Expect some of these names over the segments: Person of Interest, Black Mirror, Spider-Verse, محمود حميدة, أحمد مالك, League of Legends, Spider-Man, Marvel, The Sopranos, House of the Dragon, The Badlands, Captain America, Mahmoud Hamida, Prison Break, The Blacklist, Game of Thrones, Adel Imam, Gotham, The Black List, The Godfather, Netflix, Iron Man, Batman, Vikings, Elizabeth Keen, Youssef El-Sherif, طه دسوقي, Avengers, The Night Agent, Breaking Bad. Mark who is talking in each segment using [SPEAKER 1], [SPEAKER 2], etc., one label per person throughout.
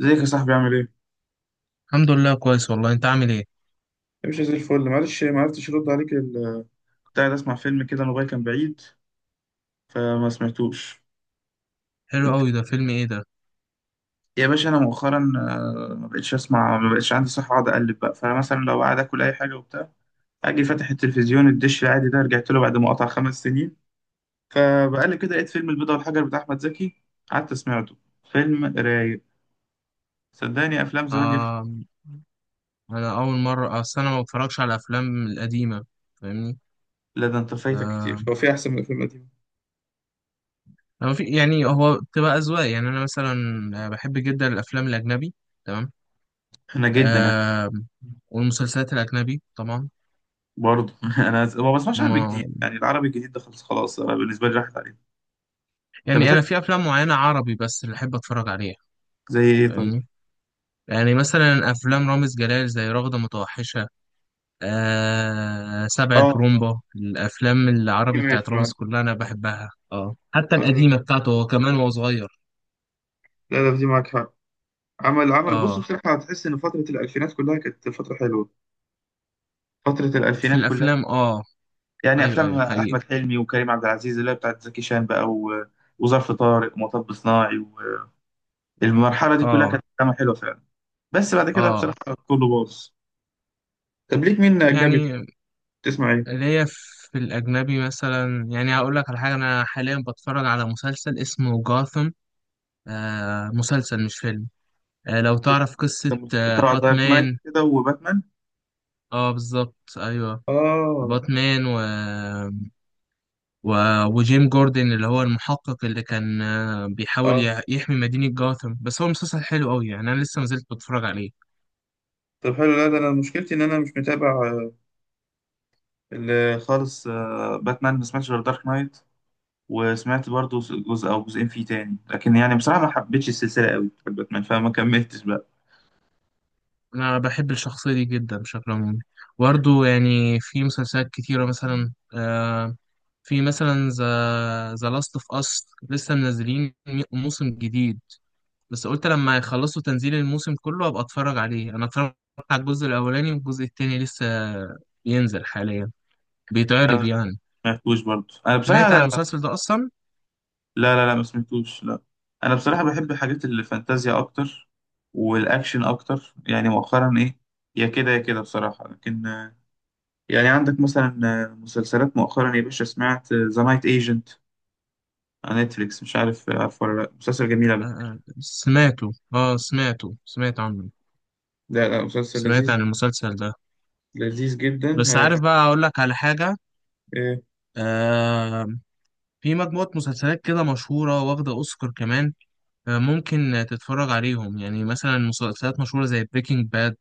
[SPEAKER 1] ازيك يا صاحبي عامل ايه؟
[SPEAKER 2] الحمد لله كويس والله، انت عامل ايه؟
[SPEAKER 1] مش زي الفل، معلش ما عرفتش ارد عليك كنت قاعد اسمع فيلم كده، الموبايل كان بعيد فما سمعتوش.
[SPEAKER 2] حلو
[SPEAKER 1] انت،
[SPEAKER 2] قوي. ده فيلم ايه ده؟
[SPEAKER 1] يا باشا انا مؤخرا ما بقتش اسمع، ما بقتش عندي صحة اقعد اقلب بقى. فانا مثلا لو قاعد اكل اي حاجة وبتاع، اجي فاتح التلفزيون، الدش العادي ده رجعت له بعد ما قطع 5 سنين، فبقلب كده لقيت فيلم البيضة والحجر بتاع احمد زكي، قعدت سمعته. فيلم رايق. صدقني افلام زمان دي.
[SPEAKER 2] آه. انا اول مره، اصل انا ما بتفرجش على الافلام القديمه. فاهمني؟
[SPEAKER 1] لا، ده انت فايتك
[SPEAKER 2] آه.
[SPEAKER 1] كتير، هو في احسن من الافلام القديمة؟
[SPEAKER 2] أنا في، يعني هو بتبقى اذواق، يعني انا مثلا بحب جدا الافلام الاجنبي. تمام.
[SPEAKER 1] انا جدا.
[SPEAKER 2] آه، والمسلسلات الاجنبي طبعا.
[SPEAKER 1] برضه انا ما بسمعش عربي
[SPEAKER 2] ما،
[SPEAKER 1] جديد، يعني العربي الجديد ده خلاص خلاص، انا بالنسبه لي راحت عليه. انت
[SPEAKER 2] يعني انا
[SPEAKER 1] بتحب
[SPEAKER 2] في افلام معينه عربي بس اللي احب اتفرج عليها.
[SPEAKER 1] زي ايه طيب؟
[SPEAKER 2] فاهمني؟ يعني مثلا افلام رامز جلال زي رغده متوحشه، آه سبع
[SPEAKER 1] اه، آه.
[SPEAKER 2] البرومبا. الافلام العربي بتاعت
[SPEAKER 1] ماشي
[SPEAKER 2] رامز
[SPEAKER 1] معاك.
[SPEAKER 2] كلها انا بحبها، اه حتى القديمه بتاعته هو كمان وهو صغير.
[SPEAKER 1] لا، لا في دي معاك حق. عمل بص،
[SPEAKER 2] اه.
[SPEAKER 1] بصراحة هتحس إن فترة الألفينات كلها كانت فترة حلوة. فترة
[SPEAKER 2] في
[SPEAKER 1] الألفينات كلها.
[SPEAKER 2] الافلام اه.
[SPEAKER 1] يعني
[SPEAKER 2] ايوه،
[SPEAKER 1] أفلام
[SPEAKER 2] ايوه، حقيقي.
[SPEAKER 1] أحمد حلمي وكريم عبد العزيز اللي هي بتاعت زكي شان بقى و وظرف طارق ومطب صناعي، والمرحلة دي كلها
[SPEAKER 2] اه،
[SPEAKER 1] كانت أفلام حلوة فعلا. بس بعد كده
[SPEAKER 2] اه.
[SPEAKER 1] بصراحة كله باظ. طب ليك مين أجنبي
[SPEAKER 2] يعني
[SPEAKER 1] تسمع إيه؟
[SPEAKER 2] اللي هي، في الاجنبي مثلا، يعني هقول لك على حاجه. انا حاليا بتفرج على مسلسل اسمه جاثم. آه، مسلسل مش فيلم. آه، لو تعرف قصه
[SPEAKER 1] طبعا دارك نايت
[SPEAKER 2] باتمان.
[SPEAKER 1] كده وباتمان.
[SPEAKER 2] اه، بالظبط، ايوه.
[SPEAKER 1] آه،
[SPEAKER 2] باتمان وجيم جوردن اللي هو المحقق اللي كان بيحاول
[SPEAKER 1] اه.
[SPEAKER 2] يحمي مدينة جاثم. بس هو مسلسل حلو قوي، يعني أنا لسه مازلت بتفرج عليه.
[SPEAKER 1] طب حلو، لا ده انا مشكلتي ان انا مش متابع خالص باتمان ما سمعتش غير دارك نايت، وسمعت برضو جزء او جزئين فيه تاني، لكن يعني بصراحه ما حبيتش السلسله قوي بتاعت باتمان فما كملتش بقى.
[SPEAKER 2] أنا بحب الشخصية دي جدا بشكل عمومي. برضه يعني في مسلسلات كتيرة مثلا. في مثلا ذا لاست اوف اس لسه منزلين موسم جديد. بس قلت لما يخلصوا تنزيل الموسم كله ابقى اتفرج عليه. انا اتفرجت على الجزء الاولاني، والجزء التاني لسه بينزل حاليا، بيتعرض يعني.
[SPEAKER 1] ما سمعتوش برضو انا بصراحه،
[SPEAKER 2] سمعت عن
[SPEAKER 1] لا.
[SPEAKER 2] المسلسل ده اصلا؟
[SPEAKER 1] لا، لا ما سمعتوش. لا، انا بصراحه بحب حاجات الفانتازيا اكتر والاكشن اكتر، يعني مؤخرا ايه، يا كده يا كده بصراحه. لكن يعني عندك مثلا مسلسلات مؤخرا يا باشا سمعت ذا نايت ايجنت على نتفليكس؟ مش عارف، عارف ولا لا؟ مسلسل جميل على
[SPEAKER 2] آه،
[SPEAKER 1] فكره.
[SPEAKER 2] آه، سمعته. اه سمعته، سمعت عنه.
[SPEAKER 1] لا، لا مسلسل
[SPEAKER 2] سمعت
[SPEAKER 1] لذيذ،
[SPEAKER 2] عن المسلسل ده.
[SPEAKER 1] لذيذ جدا.
[SPEAKER 2] بس
[SPEAKER 1] ها.
[SPEAKER 2] عارف بقى، اقول لك على حاجة.
[SPEAKER 1] إيه،
[SPEAKER 2] آه، في مجموعة مسلسلات كده مشهورة واخدة اوسكار كمان. آه، ممكن تتفرج عليهم. يعني مثلا مسلسلات مشهورة زي بريكنج باد،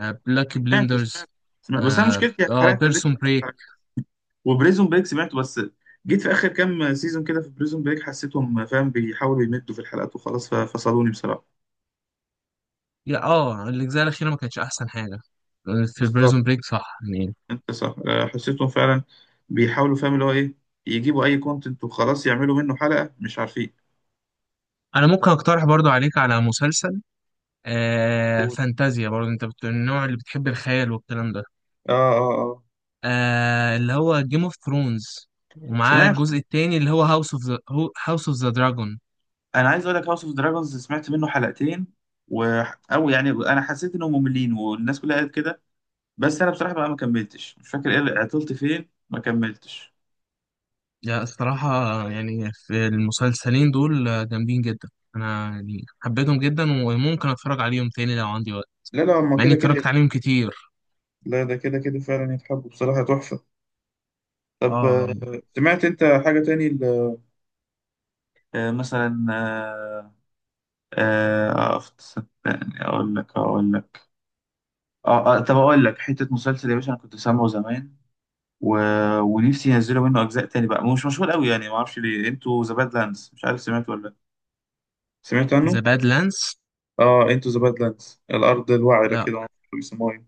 [SPEAKER 2] آه بلاك
[SPEAKER 1] سمعته
[SPEAKER 2] بليندرز،
[SPEAKER 1] سمعته سمعته، بس انا
[SPEAKER 2] اه,
[SPEAKER 1] مشكلتي
[SPEAKER 2] آه
[SPEAKER 1] حرقت
[SPEAKER 2] بيرسون
[SPEAKER 1] بريكنج
[SPEAKER 2] بريك.
[SPEAKER 1] باد وبريزون بريك سمعته، بس جيت في اخر كام سيزون كده في بريزون بريك حسيتهم فاهم بيحاولوا يمدوا في الحلقات وخلاص ففصلوني بصراحه.
[SPEAKER 2] يا اه الاجزاء الاخيرة ما كانتش احسن حاجة في
[SPEAKER 1] بالظبط،
[SPEAKER 2] بيرسون بريك، صح يعني.
[SPEAKER 1] انت صح حسيتهم فعلا بيحاولوا فاهم اللي هو ايه، يجيبوا اي كونتنت وخلاص يعملوا منه حلقه مش عارفين.
[SPEAKER 2] انا ممكن اقترح برضو عليك على مسلسل
[SPEAKER 1] اه،
[SPEAKER 2] فانتازيا. برضو انت النوع اللي بتحب، الخيال والكلام ده.
[SPEAKER 1] اه، اه.
[SPEAKER 2] آه، اللي هو جيم اوف ثرونز، ومعاه
[SPEAKER 1] سمعت.
[SPEAKER 2] الجزء التاني اللي هو هاوس اوف ذا دراجون.
[SPEAKER 1] انا عايز اقول لك هاوس اوف دراجونز سمعت منه حلقتين و او يعني انا حسيت انهم مملين والناس كلها قالت كده، بس انا بصراحه بقى ما كملتش، مش فاكر ايه عطلت فين ما كملتش.
[SPEAKER 2] لا الصراحة، يعني في المسلسلين دول جامدين جدا. أنا يعني حبيتهم جدا، وممكن أتفرج عليهم تاني لو عندي وقت،
[SPEAKER 1] لا، لا هما
[SPEAKER 2] مع إني
[SPEAKER 1] كده
[SPEAKER 2] اتفرجت
[SPEAKER 1] كده.
[SPEAKER 2] عليهم كتير.
[SPEAKER 1] لا، ده كده كده فعلا يتحبوا، بصراحة تحفة. طب
[SPEAKER 2] اه يعني.
[SPEAKER 1] سمعت انت حاجة تاني مثلا صدقني اقول لك، طب اقول لك حته مسلسل يا باشا انا كنت سامعه زمان و ونفسي ينزلوا منه اجزاء تاني بقى، مش مشهور قوي يعني ما اعرفش ليه، انتوا ذا باد لاندز مش عارف سمعت ولا لأ؟ سمعت
[SPEAKER 2] ذا
[SPEAKER 1] عنه؟
[SPEAKER 2] باد لاندز.
[SPEAKER 1] اه انتو ذا بادلاندز الأرض الوعرة
[SPEAKER 2] لا
[SPEAKER 1] كده بيسموها.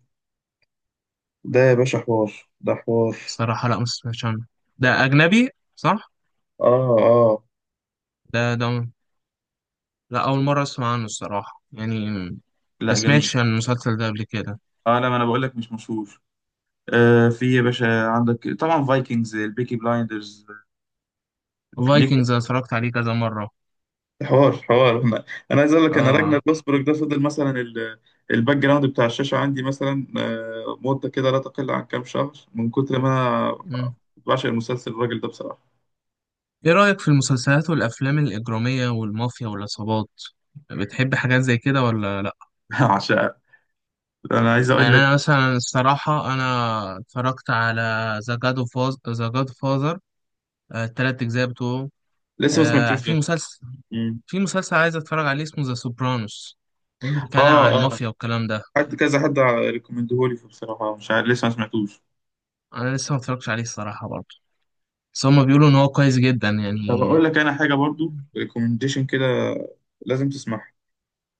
[SPEAKER 1] ده يا باشا حوار، ده حوار.
[SPEAKER 2] الصراحة، لا ما سمعتش عنه. ده أجنبي، صح؟
[SPEAKER 1] اه، اه.
[SPEAKER 2] ده ده لا، أول مرة أسمع عنه الصراحة يعني. ما
[SPEAKER 1] لا، جميل.
[SPEAKER 2] سمعتش عن المسلسل ده قبل كده.
[SPEAKER 1] اه، لا ما انا بقول لك مش مشهور. في يا باشا عندك طبعا فايكنجز، البيكي بلايندرز دي
[SPEAKER 2] فايكنجز أنا اتفرجت عليه كذا مرة.
[SPEAKER 1] حوار حوار. انا عايز اقول لك انا
[SPEAKER 2] اه.
[SPEAKER 1] راجنر لوسبروك ده فضل مثلا الباك جراوند بتاع الشاشه عندي مثلا مده كده لا تقل عن كام شهر من كتر ما انا بعشق المسلسل، الراجل ده بصراحه.
[SPEAKER 2] إيه رأيك في المسلسلات والأفلام الإجرامية والمافيا والعصابات؟ بتحب حاجات زي كده ولا لأ؟
[SPEAKER 1] عشان انا عايز
[SPEAKER 2] يعني
[SPEAKER 1] اقول لك
[SPEAKER 2] أنا مثلا الصراحة، أنا اتفرجت على ذا جاد فازر، التلات أجزاء بتوعه.
[SPEAKER 1] لسه ما
[SPEAKER 2] آه،
[SPEAKER 1] سمعتوش
[SPEAKER 2] في
[SPEAKER 1] ده.
[SPEAKER 2] مسلسل
[SPEAKER 1] مم.
[SPEAKER 2] في مسلسل عايز أتفرج عليه اسمه ذا سوبرانوس، بيتكلم عن
[SPEAKER 1] اه، اه،
[SPEAKER 2] المافيا والكلام ده.
[SPEAKER 1] حد كذا حد ريكومندهولي فبصراحه مش عارف لسه ما سمعتوش.
[SPEAKER 2] أنا لسه ما اتفرجتش عليه الصراحة برضه، بس هما بيقولوا إن هو كويس جدا
[SPEAKER 1] طب
[SPEAKER 2] يعني.
[SPEAKER 1] اقول لك انا حاجه برضو، ريكومنديشن كده لازم تسمعها،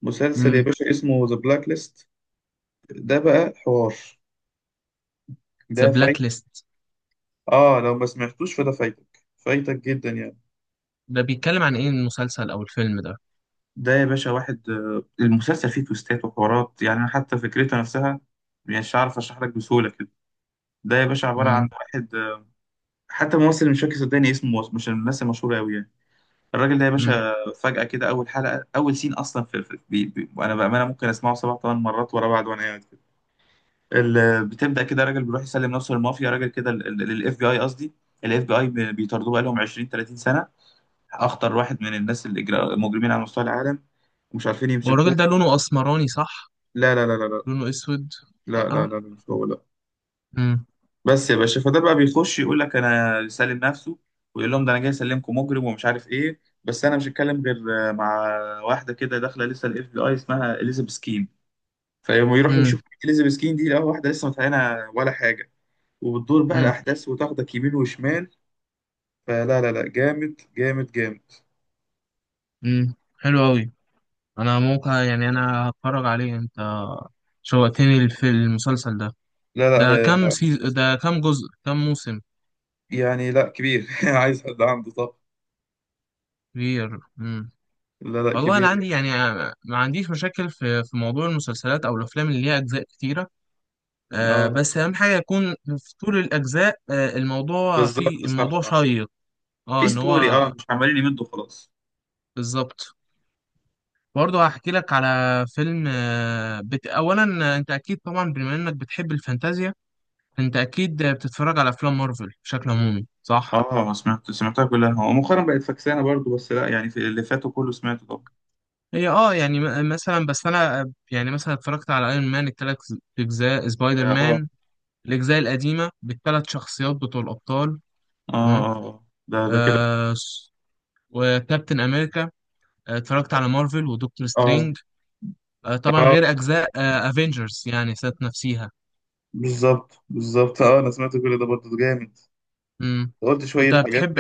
[SPEAKER 1] مسلسل يا باشا اسمه ذا بلاك ليست، ده بقى حوار،
[SPEAKER 2] ذا
[SPEAKER 1] ده فايت.
[SPEAKER 2] بلاك ليست.
[SPEAKER 1] اه، لو ما سمعتوش فده فايتك، فايتك جدا يعني.
[SPEAKER 2] ده بيتكلم عن إيه المسلسل أو الفيلم ده؟
[SPEAKER 1] ده يا باشا واحد المسلسل فيه تويستات وحوارات، يعني أنا حتى فكرتها نفسها مش عارف اشرح لك بسهوله كده. ده يا باشا عباره عن
[SPEAKER 2] مم.
[SPEAKER 1] واحد حتى ممثل مش فاكر صدقني اسمه، مش من الناس المشهوره قوي يعني. الراجل ده يا
[SPEAKER 2] مم.
[SPEAKER 1] باشا فجاه كده، اول حلقه، اول سين اصلا في بي بي وانا بامانه ممكن اسمعه سبع ثمان مرات ورا بعض وانا قاعد. بتبدا كده راجل بيروح يسلم نفسه للمافيا، راجل كده للاف بي اي قصدي، الاف بي اي بيطاردوه بقالهم 20 30 سنه، اخطر واحد من الناس اللي مجرمين على مستوى العالم ومش عارفين
[SPEAKER 2] هو
[SPEAKER 1] يمسكوه.
[SPEAKER 2] الراجل ده لونه اسمراني، صح؟
[SPEAKER 1] لا لا لا لا
[SPEAKER 2] لونه اسود.
[SPEAKER 1] لا لا لا
[SPEAKER 2] لا.
[SPEAKER 1] لا لا، مش هو، لا.
[SPEAKER 2] امم.
[SPEAKER 1] بس يا باشا فده بقى بيخش يقول لك انا سالم نفسه، ويقول لهم ده انا جاي اسلمكم مجرم ومش عارف ايه، بس انا مش هتكلم غير مع واحده كده داخله لسه الاف بي اي اسمها اليزابيث كين، فيقوموا يروحوا
[SPEAKER 2] امم.
[SPEAKER 1] يشوفوا اليزابيث كين دي، لا واحده لسه متعينه ولا حاجه، وبتدور بقى
[SPEAKER 2] امم.
[SPEAKER 1] الاحداث وتاخدك يمين وشمال. فلا، لا، لا جامد، جامد، جامد.
[SPEAKER 2] امم. حلو قوي. انا ممكن يعني، انا هتفرج عليه. انت شوقتني في المسلسل ده.
[SPEAKER 1] لا، لا هي بس-
[SPEAKER 2] ده كام جزء، كام موسم؟
[SPEAKER 1] يعني لا كبير عايز حد عنده. طب
[SPEAKER 2] كبير. امم.
[SPEAKER 1] لا، لا
[SPEAKER 2] والله انا
[SPEAKER 1] كبير يعني.
[SPEAKER 2] عندي يعني، ما عنديش مشاكل في موضوع المسلسلات او الافلام اللي ليها اجزاء كتيره. آه،
[SPEAKER 1] اه
[SPEAKER 2] بس اهم حاجه يكون في طول الاجزاء
[SPEAKER 1] بالظبط، صح،
[SPEAKER 2] الموضوع
[SPEAKER 1] صح.
[SPEAKER 2] شيق. اه،
[SPEAKER 1] في
[SPEAKER 2] ان
[SPEAKER 1] ستوري اه،
[SPEAKER 2] هو.
[SPEAKER 1] مش عمالين يمدوا خلاص.
[SPEAKER 2] بالظبط. برضه هحكي لك على فيلم. اولا انت اكيد طبعا، بما انك بتحب الفانتازيا. فانت اكيد بتتفرج على افلام مارفل بشكل عمومي، صح؟
[SPEAKER 1] اه سمعتها كلها، هو مؤخرا بقت فكسانه برضو بس، لا يعني في اللي فاتوا كله سمعته طبعا.
[SPEAKER 2] هي اه، يعني مثلا بس انا يعني مثلا اتفرجت على ايرون مان، الثلاث اجزاء سبايدر
[SPEAKER 1] اه، اه،
[SPEAKER 2] مان، الاجزاء القديمه بالثلاث شخصيات بتوع الابطال.
[SPEAKER 1] اه،
[SPEAKER 2] تمام.
[SPEAKER 1] آه، آه. ده ده كده.
[SPEAKER 2] آه س- وكابتن امريكا. اتفرجت على مارفل ودكتور
[SPEAKER 1] اه،
[SPEAKER 2] سترينج. آه، طبعا
[SPEAKER 1] اه،
[SPEAKER 2] غير اجزاء افنجرز يعني، ذات نفسيها.
[SPEAKER 1] بالظبط بالظبط، اه انا سمعت كل ده برضو ده جامد.
[SPEAKER 2] مم.
[SPEAKER 1] قلت
[SPEAKER 2] انت
[SPEAKER 1] شويه حاجات
[SPEAKER 2] بتحب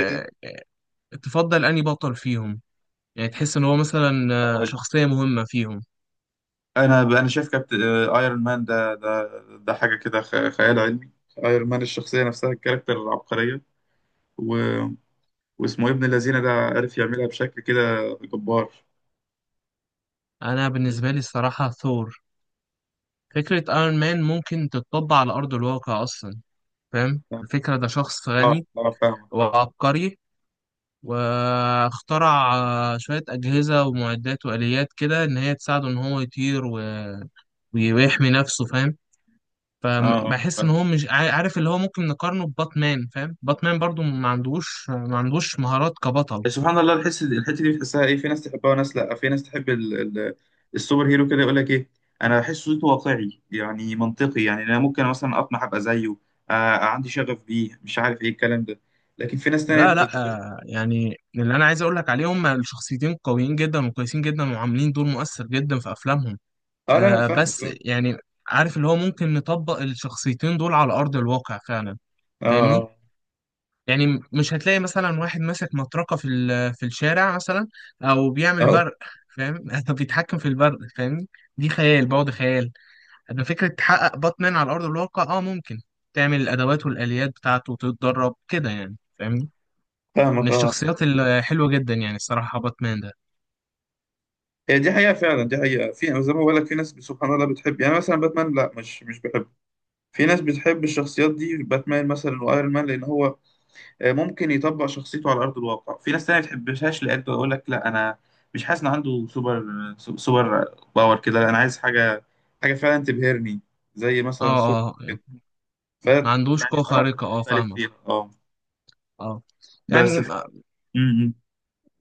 [SPEAKER 2] تفضل أنهي بطل فيهم؟ يعني تحس إن هو مثلا
[SPEAKER 1] كده.
[SPEAKER 2] شخصية مهمة فيهم.
[SPEAKER 1] انا شايف كابتن ايرون مان ده، ده حاجه كده خيال علمي، ايرون مان الشخصيه نفسها، الكاركتر العبقريه و واسمه إيه، ابن الذين ده عارف يعملها بشكل كده جبار.
[SPEAKER 2] أنا بالنسبة لي الصراحة ثور. فكرة ايرون مان ممكن تتطبق على أرض الواقع أصلا. فاهم الفكرة؟ ده شخص
[SPEAKER 1] اه،
[SPEAKER 2] غني
[SPEAKER 1] اه فاهمك، اه.
[SPEAKER 2] وعبقري. واخترع شوية أجهزة ومعدات وآليات كده إن هي تساعده إن هو يطير ويحمي نفسه، فاهم؟
[SPEAKER 1] اه
[SPEAKER 2] فبحس إن
[SPEAKER 1] فاهمك
[SPEAKER 2] هو مش عارف. اللي هو ممكن نقارنه بباتمان، فاهم؟ باتمان برضو ما عندوش، ما عندوش مهارات كبطل.
[SPEAKER 1] سبحان الله الحس، الحته دي بتحسها ايه، في ناس تحبها وناس لا. في ناس تحب ال... السوبر هيرو كده، يقول لك ايه، انا بحس صوته واقعي يعني منطقي، يعني انا ممكن مثلا اطمح ابقى زيه. آه عندي شغف بيه مش عارف ايه الكلام ده، لكن في ناس تانية
[SPEAKER 2] لا، لا، يعني اللي انا عايز اقول لك عليهم، الشخصيتين قويين جدا وكويسين جدا وعاملين دور مؤثر جدا في افلامهم.
[SPEAKER 1] اه لا، لا فاهمك،
[SPEAKER 2] بس
[SPEAKER 1] اه.
[SPEAKER 2] يعني عارف، اللي هو ممكن نطبق الشخصيتين دول على ارض الواقع فعلا.
[SPEAKER 1] اه،
[SPEAKER 2] فاهمني؟
[SPEAKER 1] آه،
[SPEAKER 2] يعني مش هتلاقي مثلا واحد ماسك مطرقة في في الشارع مثلا، او بيعمل
[SPEAKER 1] اه
[SPEAKER 2] برق، فاهم؟ أو بيتحكم في البرق، فاهمني؟ دي خيال بعد خيال. اما فكرة تحقق باتمان على ارض الواقع، اه ممكن تعمل الادوات والاليات بتاعته وتتدرب كده يعني. فاهمني؟ من
[SPEAKER 1] فاهمك، اه.
[SPEAKER 2] الشخصيات الحلوة جدا يعني الصراحة، باتمان ده.
[SPEAKER 1] هي دي حقيقة فعلا، دي حقيقة. في يعني زي ما بقول لك في ناس سبحان الله بتحب، يعني مثلا باتمان لا، مش بحب. في ناس بتحب الشخصيات دي، باتمان مثلا وايرون مان لان هو ممكن يطبق شخصيته على ارض الواقع. في ناس تانية ما بتحبهاش لان يقول لك لا انا مش حاسس ان عنده سوبر، سوبر باور كده، لا انا عايز حاجة، حاجة فعلا تبهرني، زي
[SPEAKER 2] اه،
[SPEAKER 1] مثلا سوبر
[SPEAKER 2] اه
[SPEAKER 1] كده،
[SPEAKER 2] يعني
[SPEAKER 1] ف
[SPEAKER 2] ما عندوش قوة
[SPEAKER 1] يعني اراء
[SPEAKER 2] خارقة، اه
[SPEAKER 1] بتختلف
[SPEAKER 2] فاهمة.
[SPEAKER 1] فيها اه.
[SPEAKER 2] اه، يعني
[SPEAKER 1] بس م- م.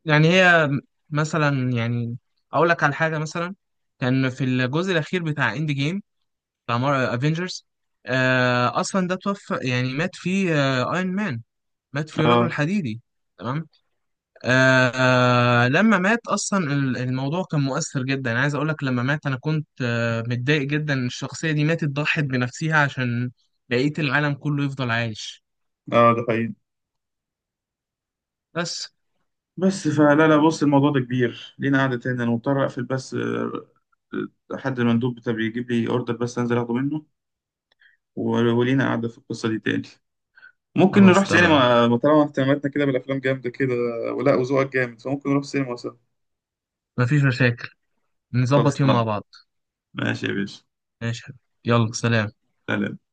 [SPEAKER 2] يعني هي مثلا، يعني اقول لك على حاجة مثلا. كان في الجزء الأخير بتاع اند جيم، بتاع افنجرز. آه، اصلا ده توفى يعني، مات فيه ايرون مان. مات فيه
[SPEAKER 1] اه
[SPEAKER 2] رجل حديدي. تمام. آه لما مات اصلا الموضوع كان مؤثر جدا. عايز اقول لك، لما مات انا كنت متضايق جدا إن الشخصيه دي ماتت، ضحت بنفسها عشان بقيه العالم كله يفضل عايش.
[SPEAKER 1] اه، ده حقيقي.
[SPEAKER 2] بس.
[SPEAKER 1] بس فلا، لا، بص الموضوع ده كبير، لينا قعدة تاني. أنا مضطر أقفل بس حد المندوب بتاع بيجيب لي أوردر، بس أنزل أخده منه ولينا قعدة في القصة دي تاني. ممكن
[SPEAKER 2] خلاص
[SPEAKER 1] نروح
[SPEAKER 2] تمام.
[SPEAKER 1] سينما ما طالما اهتماماتنا كده بالأفلام جامدة كده، ولا وذوقك جامد فممكن نروح سينما سوا.
[SPEAKER 2] مفيش مشاكل. نظبط يوم
[SPEAKER 1] خلصان،
[SPEAKER 2] مع بعض.
[SPEAKER 1] ماشي يا باشا.
[SPEAKER 2] ماشي. يلا، سلام.
[SPEAKER 1] سلام.